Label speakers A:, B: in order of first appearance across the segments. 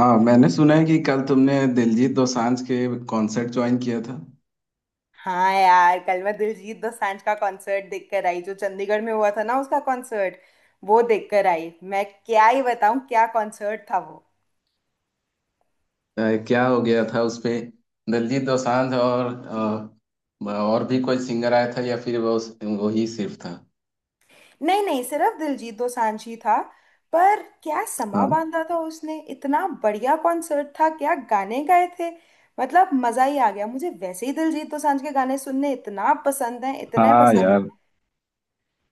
A: हाँ मैंने सुना है कि कल तुमने दिलजीत दोसांझ के कॉन्सर्ट ज्वाइन किया था।
B: हाँ यार, कल मैं दिलजीत दोसांझ का कॉन्सर्ट देख कर आई। जो चंडीगढ़ में हुआ था ना, उसका कॉन्सर्ट वो देख कर आई। मैं क्या ही बताऊं क्या कॉन्सर्ट था वो।
A: अ, क्या हो गया था उसपे? दिलजीत दोसांझ और और भी कोई सिंगर आया था, या फिर वो ही सिर्फ था?
B: नहीं नहीं, सिर्फ दिलजीत दोसांझ ही था। पर क्या समा
A: हाँ।
B: बांधा था उसने, इतना बढ़िया कॉन्सर्ट था, क्या गाने गाए थे। मतलब मजा ही आ गया। मुझे वैसे ही दिलजीत दोसांझ के गाने सुनने इतना पसंद है, इतने
A: हाँ
B: पसंद।
A: यार,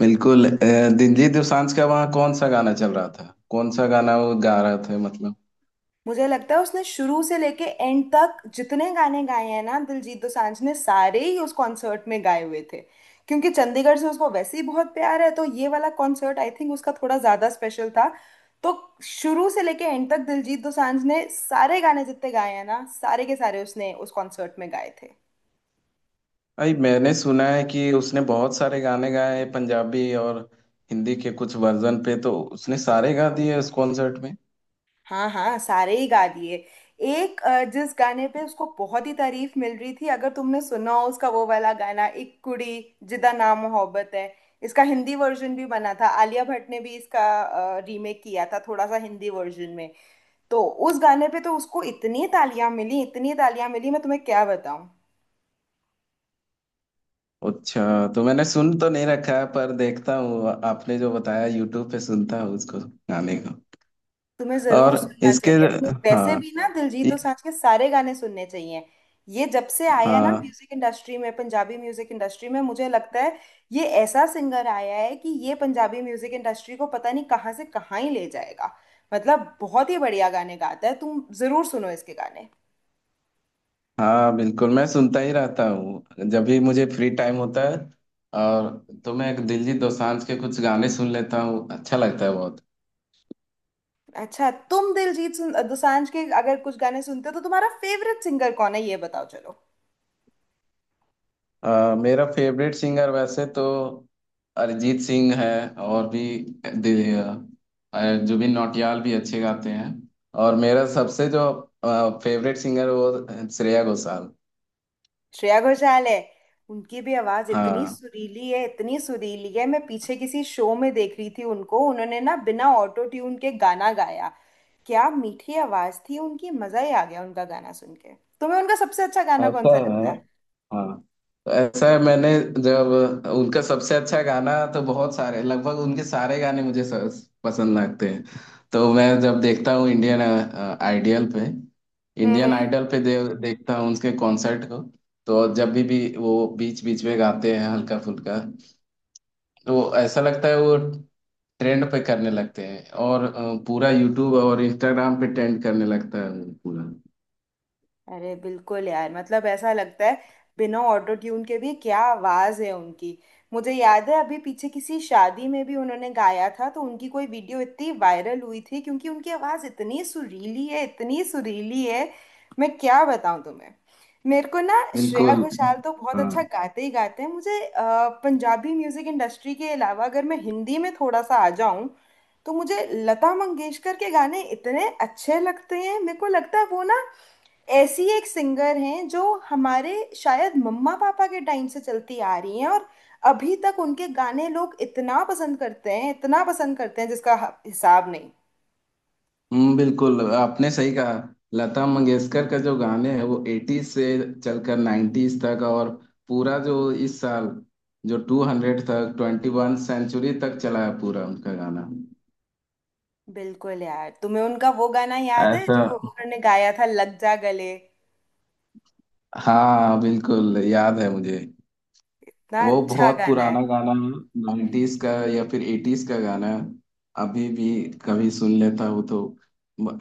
A: बिल्कुल। दिलजीत दोसांझ का वहाँ कौन सा गाना चल रहा था, कौन सा गाना वो गा रहा था, मतलब?
B: मुझे लगता है उसने शुरू से लेके एंड तक जितने गाने गाए हैं ना दिलजीत दोसांझ ने, सारे ही उस कॉन्सर्ट में गाए हुए थे। क्योंकि चंडीगढ़ से उसको वैसे ही बहुत प्यार है, तो ये वाला कॉन्सर्ट आई थिंक उसका थोड़ा ज्यादा स्पेशल था। तो शुरू से लेके एंड तक दिलजीत दोसांझ ने सारे गाने जितने गाए हैं ना, सारे के सारे उसने उस कॉन्सर्ट में गाए थे।
A: भाई मैंने सुना है कि उसने बहुत सारे गाने गाए हैं, पंजाबी और हिंदी के कुछ वर्जन पे, तो उसने सारे गा दिए उस कॉन्सर्ट में।
B: हाँ हाँ, सारे ही गा दिए। एक जिस गाने पे उसको बहुत ही तारीफ मिल रही थी, अगर तुमने सुना हो उसका वो वाला गाना, एक कुड़ी जिदा ना मोहब्बत है। इसका हिंदी वर्जन भी बना था, आलिया भट्ट ने भी इसका रीमेक किया था थोड़ा सा हिंदी वर्जन में। तो उस गाने पे तो उसको इतनी तालियां मिली, इतनी तालियां मिली, मैं तुम्हें क्या बताऊं।
A: अच्छा। तो मैंने सुन तो नहीं रखा है, पर देखता हूँ आपने जो बताया, यूट्यूब पे सुनता हूँ उसको, गाने को।
B: तुम्हें
A: और
B: जरूर सुनना
A: इसके,
B: चाहिए, तुम्हें वैसे
A: हाँ,
B: भी ना दिलजीत
A: ये,
B: दोसांझ के सारे गाने सुनने चाहिए। ये जब से आया ना
A: हाँ
B: म्यूजिक इंडस्ट्री में, पंजाबी म्यूजिक इंडस्ट्री में, मुझे लगता है ये ऐसा सिंगर आया है कि ये पंजाबी म्यूजिक इंडस्ट्री को पता नहीं कहाँ से कहाँ ही ले जाएगा। मतलब बहुत ही बढ़िया गाने गाता है, तुम जरूर सुनो इसके गाने।
A: हाँ बिल्कुल। मैं सुनता ही रहता हूँ जब भी मुझे फ्री टाइम होता है, और तो मैं दिलजीत दोसांझ के कुछ गाने सुन लेता हूँ, अच्छा लगता है बहुत।
B: अच्छा, तुम दिलजीत दोसांझ के अगर कुछ गाने सुनते हो, तो तुम्हारा फेवरेट सिंगर कौन है ये बताओ चलो।
A: मेरा फेवरेट सिंगर वैसे तो अरिजीत सिंह है। और भी दि- अ, जुबिन नौटियाल भी अच्छे गाते हैं। और मेरा सबसे जो फेवरेट सिंगर, वो श्रेया घोषाल।
B: श्रेया घोषाल है। उनकी भी आवाज इतनी
A: हाँ,
B: सुरीली है, इतनी सुरीली है। मैं पीछे किसी शो में देख रही थी उनको, उन्होंने ना बिना ऑटो ट्यून के गाना गाया। क्या मीठी आवाज थी उनकी, मजा ही आ गया उनका गाना सुन के। तुम्हें उनका सबसे अच्छा गाना कौन
A: ऐसा
B: सा लगता
A: है।
B: है?
A: हाँ, तो ऐसा है, मैंने जब उनका सबसे अच्छा गाना, तो बहुत सारे, लगभग उनके सारे गाने मुझे पसंद लगते हैं। तो मैं जब देखता हूँ इंडियन आइडियल पे,
B: हम्म
A: इंडियन
B: हम्म।
A: आइडल पे देखता हूँ उसके कॉन्सर्ट को। तो जब भी वो बीच बीच में गाते हैं हल्का फुल्का, तो वो ऐसा लगता है, वो ट्रेंड पे करने लगते हैं, और पूरा यूट्यूब और इंस्टाग्राम पे ट्रेंड करने लगता है वो पूरा।
B: अरे बिल्कुल यार, मतलब ऐसा लगता है बिना ऑटो ट्यून के भी क्या आवाज है उनकी। मुझे याद है अभी पीछे किसी शादी में भी उन्होंने गाया था, तो उनकी कोई वीडियो इतनी वायरल हुई थी, क्योंकि उनकी आवाज इतनी सुरीली है, इतनी सुरीली है। मैं क्या बताऊं तुम्हें। मेरे को ना श्रेया
A: बिल्कुल।
B: घोषाल तो बहुत
A: हाँ।
B: अच्छा गाते ही गाते हैं। मुझे पंजाबी म्यूजिक इंडस्ट्री के अलावा अगर मैं हिंदी में थोड़ा सा आ जाऊं, तो मुझे लता मंगेशकर के गाने इतने अच्छे लगते हैं। मेरे को लगता है वो ना ऐसी एक सिंगर हैं जो हमारे शायद मम्मा पापा के टाइम से चलती आ रही हैं, और अभी तक उनके गाने लोग इतना पसंद करते हैं, इतना पसंद करते हैं जिसका हिसाब नहीं।
A: बिल्कुल आपने सही कहा। लता मंगेशकर का जो गाने हैं वो एटीज से चलकर नाइन्टीज तक, और पूरा जो इस साल, जो 200 तक, 21 सेंचुरी तक चला है पूरा उनका गाना।
B: बिल्कुल यार, तुम्हें उनका वो गाना याद है
A: ऐसा।
B: जो उन्होंने गाया था, लग जा गले।
A: हाँ बिल्कुल याद है मुझे।
B: इतना
A: वो
B: अच्छा
A: बहुत
B: गाना है।
A: पुराना गाना है, नाइन्टीज का या फिर एटीज का गाना है। अभी भी कभी सुन लेता हूँ तो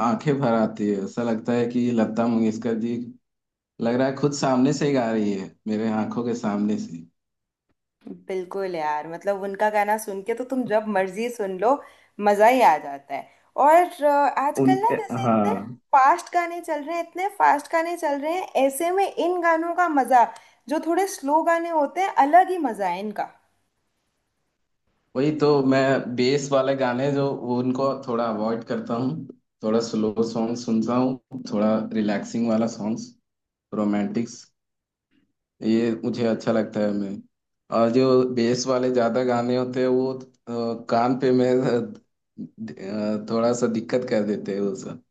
A: आंखें भर आती है, ऐसा लगता है कि लता मंगेशकर जी लग रहा है खुद सामने से ही गा रही है, मेरे आंखों के सामने से।
B: बिल्कुल यार, मतलब उनका गाना सुन के तो तुम जब मर्जी सुन लो, मजा ही आ जाता है। और आजकल ना
A: उनके,
B: जैसे
A: हाँ,
B: इतने फास्ट गाने चल रहे हैं, इतने फास्ट गाने चल रहे हैं, ऐसे में इन गानों का मजा, जो थोड़े स्लो गाने होते हैं, अलग ही मजा है इनका।
A: वही तो, मैं बेस वाले गाने, जो वो, उनको थोड़ा अवॉइड करता हूँ। थोड़ा स्लो सॉन्ग सुनता हूँ, थोड़ा रिलैक्सिंग वाला सॉन्ग्स, रोमांटिक्स, ये मुझे अच्छा लगता है। मैं, और जो बेस वाले ज्यादा गाने होते हैं वो कान पे, मैं थोड़ा सा दिक्कत कर देते हैं वो सब।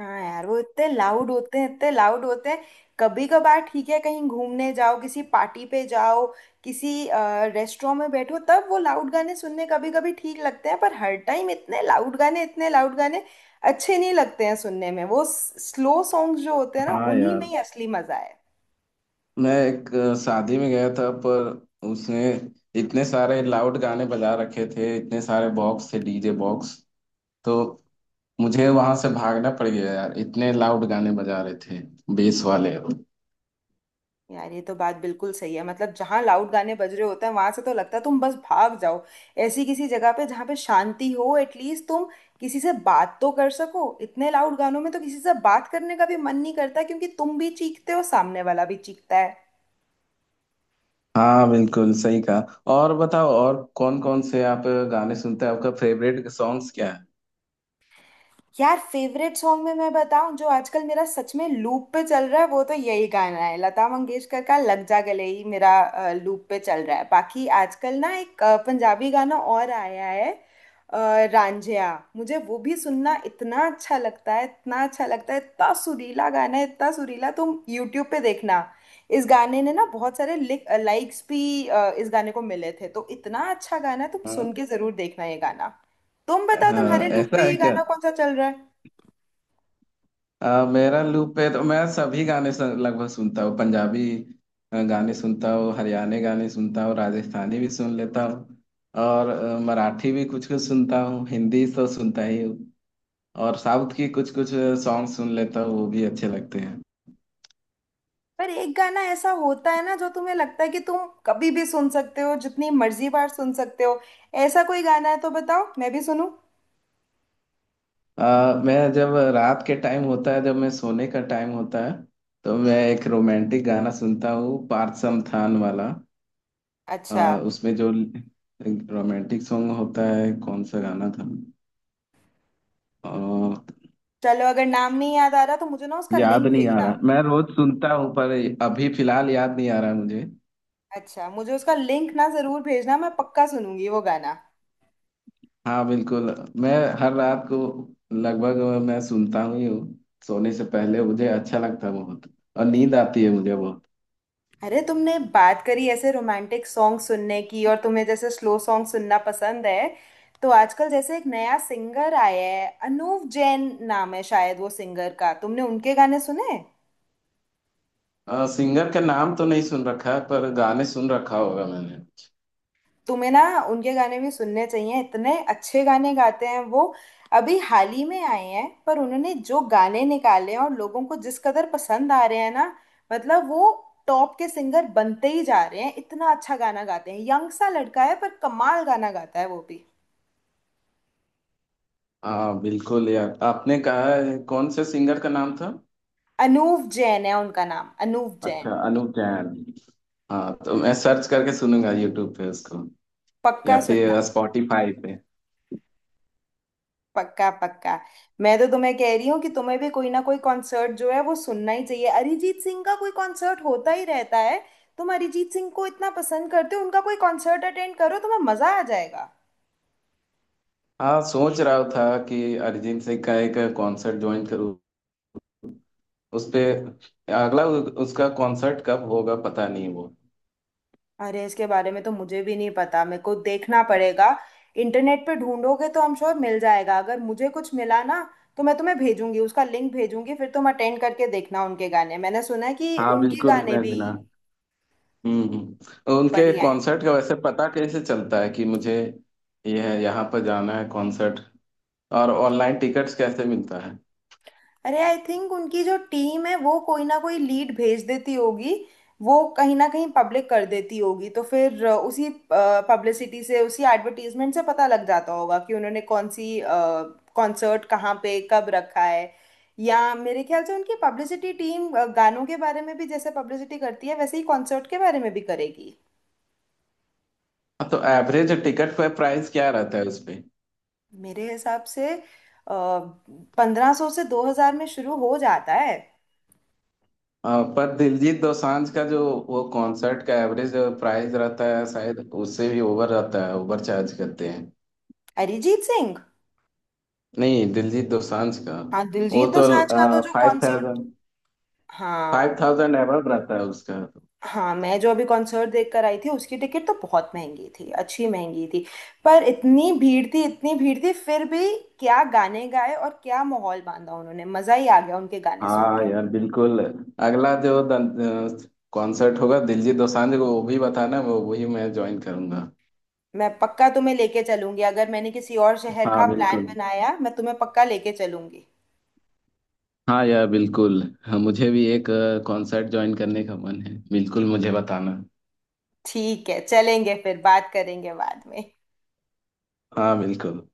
B: हाँ यार, वो इतने लाउड होते हैं, इतने लाउड होते हैं। कभी कभार ठीक है, कहीं घूमने जाओ, किसी पार्टी पे जाओ, किसी रेस्टोरेंट में बैठो, तब वो लाउड गाने सुनने कभी कभी ठीक लगते हैं। पर हर टाइम इतने लाउड गाने, इतने लाउड गाने अच्छे नहीं लगते हैं सुनने में। वो स्लो सॉन्ग्स जो होते हैं ना,
A: हाँ
B: उन्हीं में
A: यार,
B: ही असली मजा है।
A: मैं एक शादी में गया था, पर उसने इतने सारे लाउड गाने बजा रखे थे, इतने सारे बॉक्स थे, डीजे बॉक्स। तो मुझे वहां से भागना पड़ गया यार, इतने लाउड गाने बजा रहे थे, बेस वाले।
B: यार ये तो बात बिल्कुल सही है। मतलब जहाँ लाउड गाने बज रहे होते हैं, वहां से तो लगता है तुम बस भाग जाओ। ऐसी किसी जगह पे जहाँ पे शांति हो, एटलीस्ट तुम किसी से बात तो कर सको। इतने लाउड गानों में तो किसी से बात करने का भी मन नहीं करता, क्योंकि तुम भी चीखते हो, सामने वाला भी चीखता है।
A: हाँ, बिल्कुल सही कहा। और बताओ, और कौन कौन से आप गाने सुनते हैं? आपका फेवरेट सॉन्ग्स क्या है?
B: यार फेवरेट सॉन्ग में मैं बताऊं, जो आजकल मेरा सच में लूप पे चल रहा है, वो तो यही गाना है, लता मंगेशकर का लग जा गले ही मेरा लूप पे चल रहा है। बाकी आजकल ना एक पंजाबी गाना और आया है, अ, रांझिया। मुझे वो भी सुनना इतना अच्छा लगता है, इतना अच्छा लगता है। इतना सुरीला गाना है, इतना सुरीला। तुम यूट्यूब पे देखना। इस गाने ने ना बहुत सारे लाइक्स भी, इस गाने को मिले थे, तो इतना अच्छा गाना है, तुम
A: हाँ।
B: सुन के जरूर देखना ये गाना। तुम बताओ तुम्हारे
A: हाँ,
B: लूप पे
A: ऐसा है
B: ये
A: क्या?
B: गाना कौन सा चल रहा है?
A: मेरा लूप पे तो मैं सभी गाने लगभग सुनता हूँ। पंजाबी गाने सुनता हूँ, हरियाणा गाने सुनता हूँ, राजस्थानी भी सुन लेता हूँ, और मराठी भी कुछ कुछ सुनता हूँ, हिंदी तो सुनता ही हूँ, और साउथ की कुछ कुछ सॉन्ग सुन लेता हूँ, वो भी अच्छे लगते हैं।
B: पर एक गाना ऐसा होता है ना जो तुम्हें लगता है कि तुम कभी भी सुन सकते हो, जितनी मर्जी बार सुन सकते हो। ऐसा कोई गाना है तो बताओ, मैं भी सुनूं।
A: मैं जब रात के टाइम होता है, जब मैं सोने का टाइम होता है, तो मैं एक रोमांटिक गाना सुनता हूँ, पार्थ थान वाला। अ,
B: अच्छा,
A: उसमें जो रोमांटिक सॉन्ग होता है, कौन सा गाना था?
B: चलो अगर नाम नहीं याद आ रहा तो मुझे ना उसका
A: याद
B: लिंक
A: नहीं आ
B: भेजना।
A: रहा, मैं रोज सुनता हूँ, पर अभी फिलहाल याद नहीं आ रहा मुझे।
B: अच्छा, मुझे उसका लिंक ना जरूर भेजना, मैं पक्का सुनूंगी वो गाना।
A: हाँ बिल्कुल, मैं हर रात को लगभग मैं सुनता हूँ ही हूँ। सोने से पहले मुझे अच्छा लगता है बहुत, और नींद आती है मुझे बहुत।
B: अरे तुमने बात करी ऐसे रोमांटिक सॉन्ग सुनने की, और तुम्हें जैसे स्लो सॉन्ग सुनना पसंद है, तो आजकल जैसे एक नया सिंगर आया है, अनूप जैन नाम है शायद वो सिंगर का, तुमने उनके गाने सुने?
A: सिंगर का नाम तो नहीं सुन रखा है, पर गाने सुन रखा होगा मैंने।
B: तुम्हें ना उनके गाने भी सुनने चाहिए, इतने अच्छे गाने गाते हैं वो। अभी हाल ही में आए हैं, पर उन्होंने जो गाने निकाले हैं और लोगों को जिस कदर पसंद आ रहे हैं ना, मतलब वो टॉप के सिंगर बनते ही जा रहे हैं। इतना अच्छा गाना गाते हैं, यंग सा लड़का है पर कमाल गाना गाता है वो भी।
A: हाँ बिल्कुल यार, आपने कहा है, कौन से सिंगर का नाम था?
B: अनूव जैन है उनका नाम, अनूव
A: अच्छा,
B: जैन।
A: अनूप जैन। हाँ, तो मैं सर्च करके सुनूंगा यूट्यूब पे उसको, या
B: पक्का सुनना।
A: फिर स्पॉटिफाई पे।
B: पक्का पक्का। मैं तो तुम्हें कह रही हूँ कि तुम्हें भी कोई ना कोई कॉन्सर्ट जो है वो सुनना ही चाहिए। अरिजीत सिंह का कोई कॉन्सर्ट होता ही रहता है, तुम अरिजीत सिंह को इतना पसंद करते हो, उनका कोई कॉन्सर्ट अटेंड करो, तुम्हें मजा आ जाएगा।
A: हाँ, सोच रहा था कि अरिजीत सिंह का एक कॉन्सर्ट ज्वाइन करूँ, उस पे। अगला उसका कॉन्सर्ट कब होगा पता नहीं वो।
B: अरे इसके बारे में तो मुझे भी नहीं पता, मेरे को देखना पड़ेगा। इंटरनेट पे ढूंढोगे तो हम श्योर मिल जाएगा। अगर मुझे कुछ मिला ना, तो मैं तुम्हें भेजूंगी, उसका लिंक भेजूंगी। फिर तुम अटेंड करके देखना उनके गाने, मैंने सुना है कि
A: हाँ
B: उनके
A: बिल्कुल,
B: गाने
A: मैं
B: भी
A: जना। उनके
B: बढ़िया हैं।
A: कॉन्सर्ट का वैसे पता कैसे चलता है, कि मुझे ये है, यहाँ पर जाना है कॉन्सर्ट? और ऑनलाइन टिकट्स कैसे मिलता है?
B: अरे आई थिंक उनकी जो टीम है वो कोई ना कोई लीड भेज देती होगी, वो कहीं ना कहीं पब्लिक कर देती होगी। तो फिर उसी पब्लिसिटी से, उसी एडवर्टीजमेंट से पता लग जाता होगा कि उन्होंने कौन सी कॉन्सर्ट कहाँ पे कब रखा है। या मेरे ख्याल से उनकी पब्लिसिटी टीम गानों के बारे में भी जैसे पब्लिसिटी करती है, वैसे ही कॉन्सर्ट के बारे में भी करेगी।
A: हाँ, तो एवरेज टिकट पर प्राइस क्या रहता है उस पे?
B: मेरे हिसाब से 1500 से 2000 में शुरू हो जाता है।
A: पर दिलजीत दोसांझ का जो, वो कॉन्सर्ट का एवरेज प्राइस रहता है शायद, उससे भी ओवर रहता है, ओवर चार्ज करते हैं।
B: अरिजीत सिंह।
A: नहीं, दिलजीत दोसांझ का,
B: हाँ,
A: वो
B: दिलजीत
A: तो
B: दोसांझ का तो जो
A: फाइव
B: कॉन्सर्ट।
A: थाउजेंड
B: हाँ,
A: 5,000 एबव रहता है उसका तो।
B: हाँ, मैं जो अभी कॉन्सर्ट देख कर आई थी, उसकी टिकट तो बहुत महंगी थी, अच्छी महंगी थी। पर इतनी भीड़ थी, इतनी भीड़ थी फिर भी। क्या गाने गाए और क्या माहौल बांधा उन्होंने, मजा ही आ गया उनके गाने सुन
A: हाँ
B: के।
A: यार, बिल्कुल। अगला जो कॉन्सर्ट होगा दिलजीत दोसांझ को, वो भी बताना, वो वही मैं ज्वाइन करूंगा।
B: मैं पक्का तुम्हें लेके चलूंगी, अगर मैंने किसी और शहर
A: हाँ
B: का प्लान
A: बिल्कुल।
B: बनाया, मैं तुम्हें पक्का लेके चलूंगी।
A: हाँ यार बिल्कुल, हाँ, मुझे भी एक कॉन्सर्ट ज्वाइन करने का मन है, बिल्कुल मुझे बताना।
B: ठीक है, चलेंगे फिर बात करेंगे बाद में।
A: हाँ बिल्कुल।